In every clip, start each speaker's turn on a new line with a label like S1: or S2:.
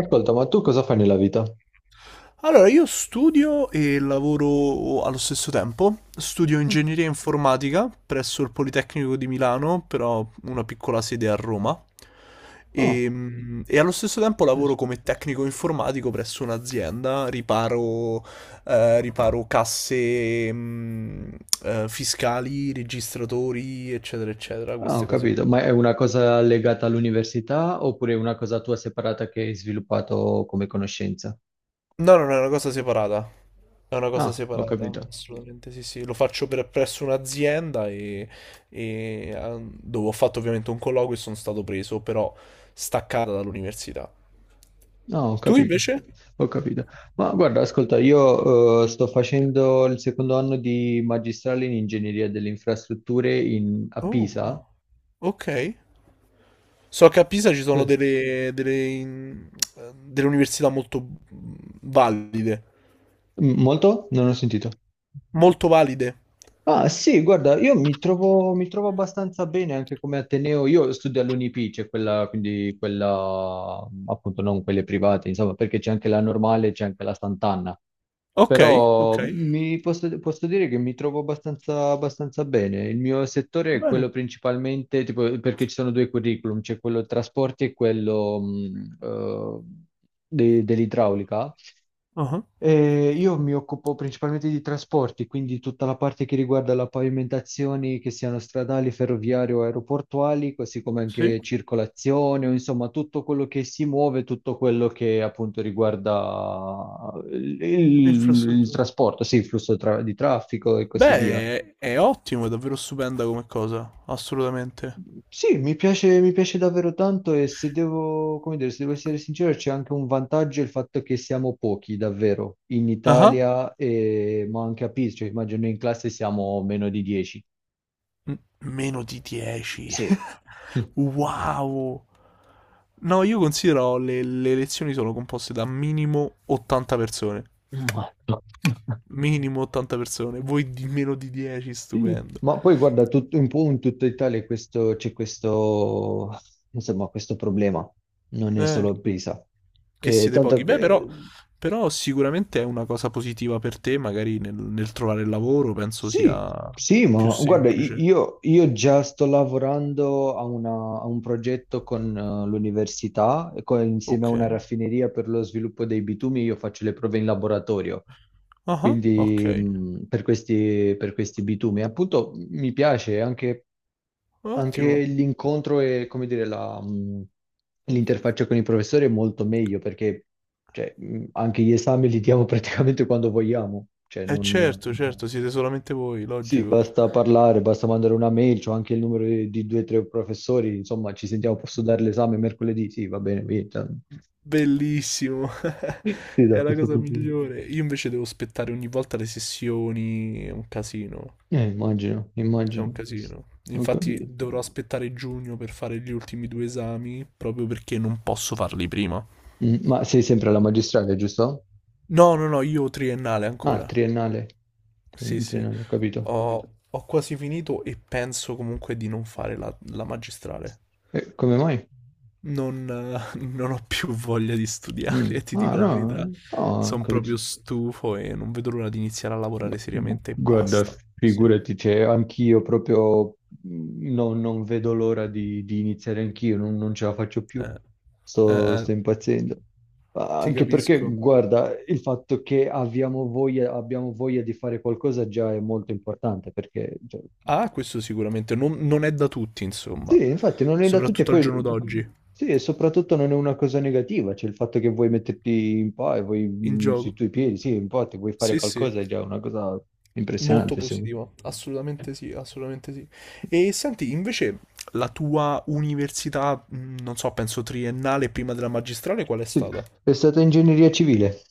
S1: Ascolta, ma tu cosa fai nella vita?
S2: Allora, io studio e lavoro allo stesso tempo. Studio ingegneria informatica presso il Politecnico di Milano, però una piccola sede a Roma.
S1: Oh,
S2: E allo stesso tempo lavoro
S1: yes.
S2: come tecnico informatico presso un'azienda, riparo, riparo casse, fiscali, registratori, eccetera, eccetera,
S1: Ah, ho
S2: queste cose
S1: capito.
S2: qui.
S1: Ma è una cosa legata all'università oppure è una cosa tua separata che hai sviluppato come conoscenza?
S2: No, no, no, è una cosa separata. È una cosa
S1: Ah, ho
S2: separata,
S1: capito.
S2: assolutamente sì, sì. Lo faccio per, presso un'azienda e, dove ho fatto ovviamente un colloquio e sono stato preso, però staccata dall'università.
S1: No, ho
S2: Tu
S1: capito.
S2: invece?
S1: Ho capito. Ma guarda, ascolta, io sto facendo il secondo anno di magistrale in ingegneria delle infrastrutture a
S2: Oh,
S1: Pisa.
S2: wow. Ok. So che a Pisa ci sono
S1: Sì.
S2: delle università molto valide.
S1: Molto? Non ho sentito.
S2: Molto valide.
S1: Ah sì, guarda, io mi trovo abbastanza bene anche come Ateneo. Io studio all'UNIP, c'è quella, quindi quella, appunto, non quelle private, insomma, perché c'è anche la normale, c'è anche la Sant'Anna.
S2: Ok, ok.
S1: Però posso dire che mi trovo abbastanza bene. Il mio settore è quello
S2: Bene.
S1: principalmente, tipo, perché ci sono due curriculum, c'è quello trasporti e quello dell'idraulica.
S2: Ah,
S1: Io mi occupo principalmente di trasporti, quindi tutta la parte che riguarda le pavimentazioni, che siano stradali, ferroviarie o aeroportuali, così come
S2: sì,
S1: anche circolazione, o insomma tutto quello che si muove, tutto quello che appunto riguarda il
S2: infrastrutture.
S1: trasporto, sì, il flusso di traffico e così via.
S2: Beh, è ottimo, è davvero stupenda come cosa, assolutamente.
S1: Sì, mi piace davvero tanto, e se devo, come dire, se devo essere sincero, c'è anche un vantaggio il fatto che siamo pochi, davvero, in
S2: Ah,
S1: Italia, e- ma anche a Pisa, cioè immagino in classe siamo meno di 10.
S2: meno di 10.
S1: Sì.
S2: Wow! No, io considero le lezioni sono composte da minimo 80 persone.
S1: Molto.
S2: Minimo 80 persone, voi di meno di 10,
S1: Sì.
S2: stupendo.
S1: Ma poi guarda, un po' in tutta Italia c'è questo, insomma, questo problema, non è
S2: Eh,
S1: solo a Pisa.
S2: che siete
S1: Tanto
S2: pochi. Beh,
S1: che
S2: però, però sicuramente è una cosa positiva per te, magari nel trovare il lavoro, penso
S1: sì,
S2: sia
S1: sì,
S2: più
S1: ma guarda, i-
S2: semplice.
S1: io, io già sto lavorando a, a un progetto con l'università, e insieme a
S2: Ok.
S1: una raffineria per lo sviluppo dei bitumi, io faccio le prove in laboratorio,
S2: Ah, ok.
S1: quindi per questi bitumi. Appunto, mi piace anche, anche
S2: Ottimo.
S1: l'incontro e, come dire, l'interfaccia con i professori è molto meglio perché cioè, anche gli esami li diamo praticamente quando vogliamo, cioè
S2: Eh
S1: non.
S2: certo, certo, siete solamente voi,
S1: Sì,
S2: logico.
S1: basta parlare, basta mandare una mail, c'ho anche il numero di due o tre professori, insomma, ci sentiamo, posso dare l'esame mercoledì? Sì, va bene, via. Cioè.
S2: Bellissimo.
S1: Sì, da
S2: È la
S1: questo
S2: cosa
S1: punto di vista.
S2: migliore. Io invece devo aspettare ogni volta le sessioni, è un casino.
S1: Immagino,
S2: È un
S1: immagino.
S2: casino.
S1: Ho
S2: Infatti
S1: capito.
S2: dovrò aspettare giugno per fare gli ultimi due esami, proprio perché non posso farli prima.
S1: Ma sei sempre alla magistrale, giusto?
S2: No, no, no, io ho triennale
S1: Ah,
S2: ancora.
S1: triennale.
S2: Sì, sì.
S1: Triennale, ho capito.
S2: Ho quasi finito e penso comunque di non fare la magistrale.
S1: E come mai?
S2: Non, Non ho più voglia di
S1: Mm.
S2: studiare, ti
S1: Ah,
S2: dico la
S1: no,
S2: verità.
S1: no, ho
S2: Sono
S1: capito.
S2: proprio stufo e non vedo l'ora di iniziare a lavorare seriamente e
S1: Guarda,
S2: basta. Sì.
S1: figurati, cioè, anch'io proprio non vedo l'ora di iniziare anch'io, non ce la faccio più,
S2: Eh,
S1: sto,
S2: eh, eh,
S1: sto impazzendo. Ah,
S2: Ti
S1: anche perché,
S2: capisco.
S1: guarda, il fatto che abbiamo voglia di fare qualcosa già è molto importante, perché, cioè,
S2: Ah, questo sicuramente non è da tutti, insomma.
S1: sì, infatti non è da tutti, e
S2: Soprattutto al giorno
S1: poi,
S2: d'oggi.
S1: sì, e soprattutto non è una cosa negativa, cioè il fatto che vuoi metterti in po' e vuoi,
S2: In
S1: sui
S2: gioco.
S1: tuoi piedi, sì, in po' ti vuoi fare
S2: Sì, sì.
S1: qualcosa è già una cosa
S2: Molto
S1: impressionante, secondo me.
S2: positivo. Assolutamente sì, assolutamente sì. E senti, invece, la tua università, non so, penso triennale prima della magistrale, qual è
S1: Sì,
S2: stata?
S1: è stata ingegneria civile.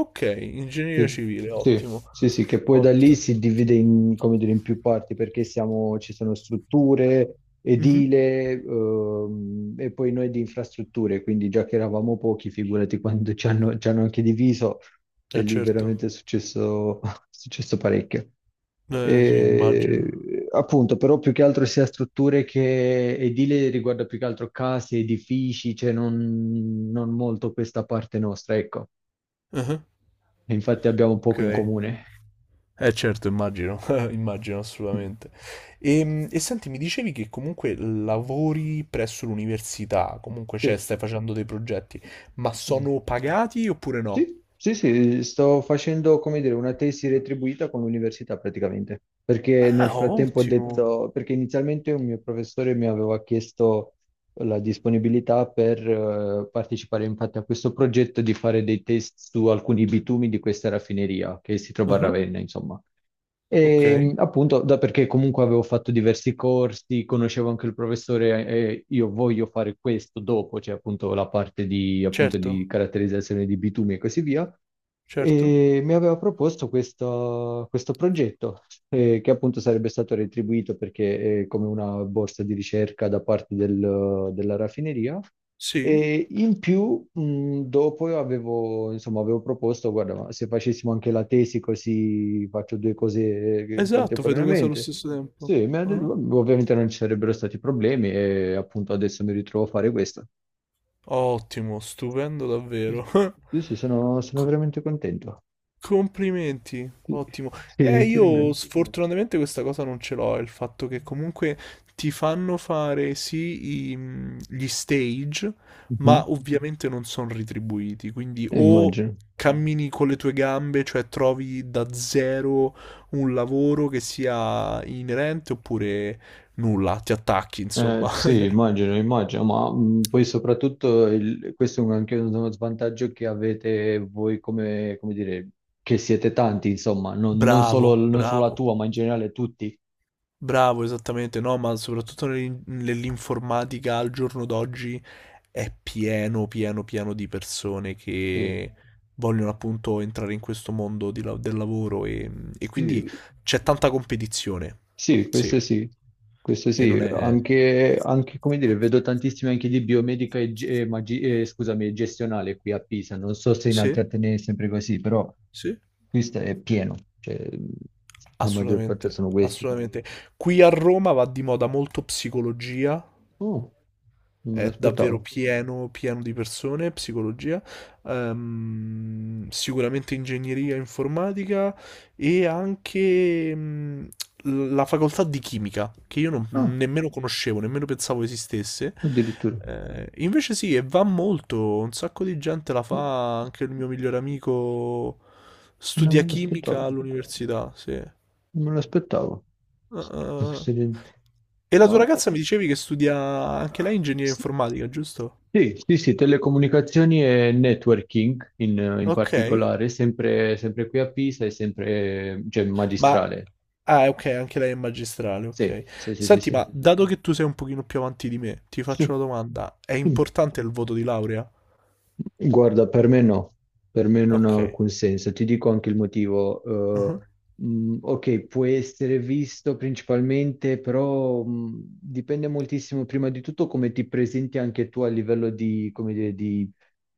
S2: Ok, ingegneria
S1: Sì,
S2: civile,
S1: sì,
S2: ottimo.
S1: sì, sì, che poi da lì
S2: Ottimo.
S1: si divide in, come dire, in più parti perché ci sono strutture,
S2: Mhm.
S1: edile, e poi noi di infrastrutture, quindi già che eravamo pochi, figurati quando ci hanno anche diviso, cioè
S2: Eh
S1: lì
S2: certo,
S1: veramente è successo, è successo parecchio.
S2: sì, immagino.
S1: E, appunto, però più che altro sia strutture che edile riguarda più che altro case, edifici, cioè non, non molto questa parte nostra, ecco.
S2: Ah,
S1: E infatti abbiamo
S2: ok,
S1: poco in comune.
S2: eh certo, immagino, immagino
S1: Sì,
S2: assolutamente. E, senti, mi dicevi che comunque lavori presso l'università, comunque cioè,
S1: sì,
S2: stai facendo dei progetti, ma
S1: sì,
S2: sono pagati oppure no?
S1: sì, sì, sto facendo, come dire, una tesi retribuita con l'università praticamente, perché nel
S2: Ah,
S1: frattempo ho
S2: ottimo.
S1: detto, perché inizialmente un mio professore mi aveva chiesto la disponibilità per partecipare infatti a questo progetto di fare dei test su alcuni bitumi di questa raffineria che si trova a
S2: Ah,
S1: Ravenna, insomma.
S2: ok,
S1: E appunto, da perché comunque avevo fatto diversi corsi, conoscevo anche il professore e io voglio fare questo dopo, cioè appunto la parte di, appunto, di
S2: certo,
S1: caratterizzazione di bitumi e così via,
S2: certo.
S1: e mi aveva proposto questo, progetto che appunto sarebbe stato retribuito perché è come una borsa di ricerca da parte della raffineria.
S2: Sì,
S1: E in più, dopo io avevo, insomma, avevo proposto, guarda, ma se facessimo anche la tesi, così faccio due cose
S2: esatto, fai due cose allo
S1: contemporaneamente.
S2: stesso tempo.
S1: Sì, mi ha detto, ovviamente non ci sarebbero stati problemi e appunto adesso mi ritrovo a fare questo.
S2: Ottimo, stupendo davvero.
S1: Sì, sì, sono, sono
S2: Co-
S1: veramente contento.
S2: Complimenti,
S1: Sì,
S2: ottimo.
S1: sì, ti
S2: Io
S1: ringrazio.
S2: sfortunatamente questa cosa non ce l'ho, è il fatto che comunque ti fanno fare sì gli stage,
S1: Mhm,
S2: ma ovviamente non sono retribuiti, quindi o
S1: immagino.
S2: cammini con le tue gambe, cioè trovi da zero un lavoro che sia inerente oppure nulla, ti attacchi, insomma.
S1: Sì, immagino, immagino, ma poi soprattutto questo è anche uno svantaggio che avete voi come, come dire, che siete tanti, insomma, non solo,
S2: Bravo,
S1: non solo la
S2: bravo.
S1: tua, ma in generale tutti.
S2: Bravo, esattamente, no, ma soprattutto nell'informatica al giorno d'oggi è pieno, pieno, pieno di persone
S1: Sì,
S2: che vogliono appunto entrare in questo mondo del lavoro e quindi
S1: sì,
S2: c'è tanta competizione,
S1: sì,
S2: sì,
S1: questo sì, questo
S2: e non
S1: sì,
S2: è...
S1: anche, anche, come dire, vedo tantissimi anche di biomedica e, scusami, e gestionale qui a Pisa, non so se in altri
S2: Sì,
S1: atenei è sempre così, però
S2: sì,
S1: questo è pieno, cioè la maggior parte
S2: assolutamente,
S1: sono questi.
S2: assolutamente. Qui a Roma va di moda molto psicologia,
S1: Oh, non me
S2: è davvero
S1: l'aspettavo.
S2: pieno, pieno di persone, psicologia, sicuramente ingegneria informatica e anche la facoltà di chimica, che io
S1: Ah,
S2: nemmeno conoscevo, nemmeno pensavo esistesse.
S1: addirittura.
S2: Invece sì, e va molto, un sacco di gente la fa, anche il mio migliore amico
S1: Non
S2: studia
S1: me
S2: chimica
S1: l'aspettavo.
S2: all'università, sì.
S1: Non me l'aspettavo.
S2: Ah, ah,
S1: Tutta
S2: ah.
S1: questa gente-
S2: E la tua
S1: Ma-
S2: ragazza mi dicevi che studia anche lei ingegneria informatica, giusto?
S1: Sì, sì, sì, telecomunicazioni e networking in, in
S2: Ok,
S1: particolare, sempre, sempre qui a Pisa e sempre, cioè,
S2: ma...
S1: magistrale.
S2: Ah, ok, anche lei è magistrale,
S1: Sì,
S2: ok.
S1: sì, sì, sì,
S2: Senti, ma
S1: sì.
S2: dato che tu sei un pochino più avanti di me, ti faccio
S1: Sì.
S2: una domanda. È
S1: Mm.
S2: importante il voto di laurea?
S1: Guarda, per me no, per me non
S2: Ok.
S1: ha alcun senso. Ti dico anche il motivo. Eh,
S2: Mhm.
S1: ok, può essere visto principalmente, però dipende moltissimo prima di tutto come ti presenti anche tu a livello di, come dire, di,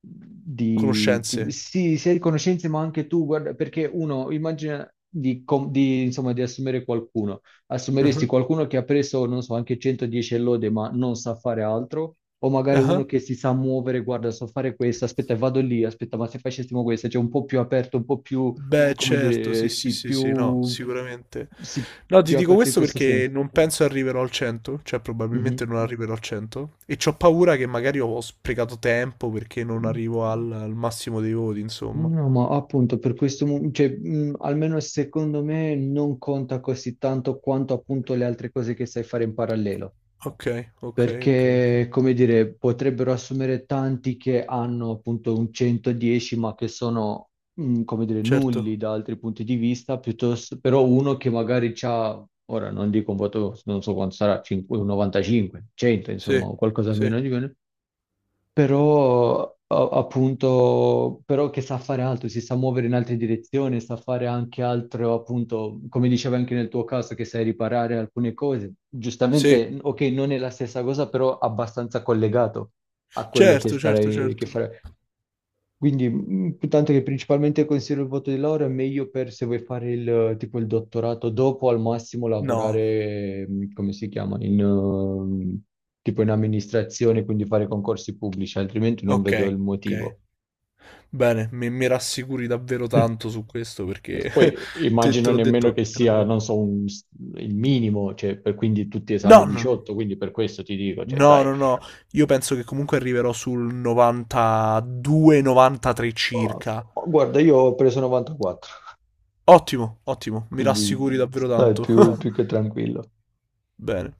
S2: Conoscenze?
S1: sì, sia di conoscenze, ma anche tu, guarda, perché uno immagina di, di, insomma, di assumere qualcuno. Assumeresti
S2: Mhm.
S1: qualcuno che ha preso, non so, anche 110 lode, ma non sa fare altro? O magari
S2: Ah.
S1: uno che si sa muovere, guarda, so fare questo, aspetta, vado lì, aspetta, ma se facessimo questo, cioè un po' più aperto, un po' più,
S2: Beh,
S1: come
S2: certo,
S1: dire,
S2: sì, sì, sì, sì, no, sicuramente.
S1: sì,
S2: No, ti
S1: più
S2: dico
S1: aperto in
S2: questo
S1: questo
S2: perché
S1: senso.
S2: non penso arriverò al 100, cioè probabilmente
S1: Mhm.
S2: non arriverò al 100, e c'ho paura che magari ho sprecato tempo perché non arrivo al massimo dei voti, insomma.
S1: No, ma appunto per questo, cioè, almeno secondo me non conta così tanto quanto appunto le altre cose che sai fare in parallelo.
S2: Ok, ok, ok, ok.
S1: Perché, come dire, potrebbero assumere tanti che hanno appunto un 110, ma che sono, come dire, nulli
S2: Certo.
S1: da altri punti di vista, piuttosto, però uno che magari ha, ora non dico un voto, non so quanto sarà, 5 un 95, 100, insomma,
S2: Sì,
S1: o qualcosa
S2: sì,
S1: meno di meno, però appunto, però che sa fare altro, si sa muovere in altre direzioni, sa fare anche altro, appunto, come dicevo anche nel tuo caso, che sai riparare alcune cose.
S2: sì.
S1: Giustamente, ok, non è la stessa cosa, però abbastanza collegato a quello che
S2: Certo, certo,
S1: starei, che
S2: certo.
S1: farei. Quindi, tanto che principalmente considero il voto di laurea meglio per se vuoi fare il, tipo il dottorato dopo, al massimo
S2: No,
S1: lavorare, come si chiama, in, tipo in amministrazione, quindi fare concorsi pubblici, altrimenti non
S2: ok,
S1: vedo il
S2: ok.
S1: motivo.
S2: Bene, mi rassicuri davvero tanto su questo perché
S1: Poi
S2: te
S1: immagino
S2: l'ho
S1: nemmeno che
S2: detto, è una
S1: sia,
S2: paura.
S1: non so, il minimo, cioè, per, quindi tutti
S2: No,
S1: esami
S2: no,
S1: 18, quindi per questo ti dico, cioè,
S2: no,
S1: dai.
S2: no, no. Io penso che comunque arriverò sul 92-93
S1: Oh,
S2: circa.
S1: oh, guarda, io ho preso 94,
S2: Ottimo, ottimo, mi
S1: quindi
S2: rassicuri davvero
S1: stai
S2: tanto.
S1: più più che tranquillo.
S2: Bene.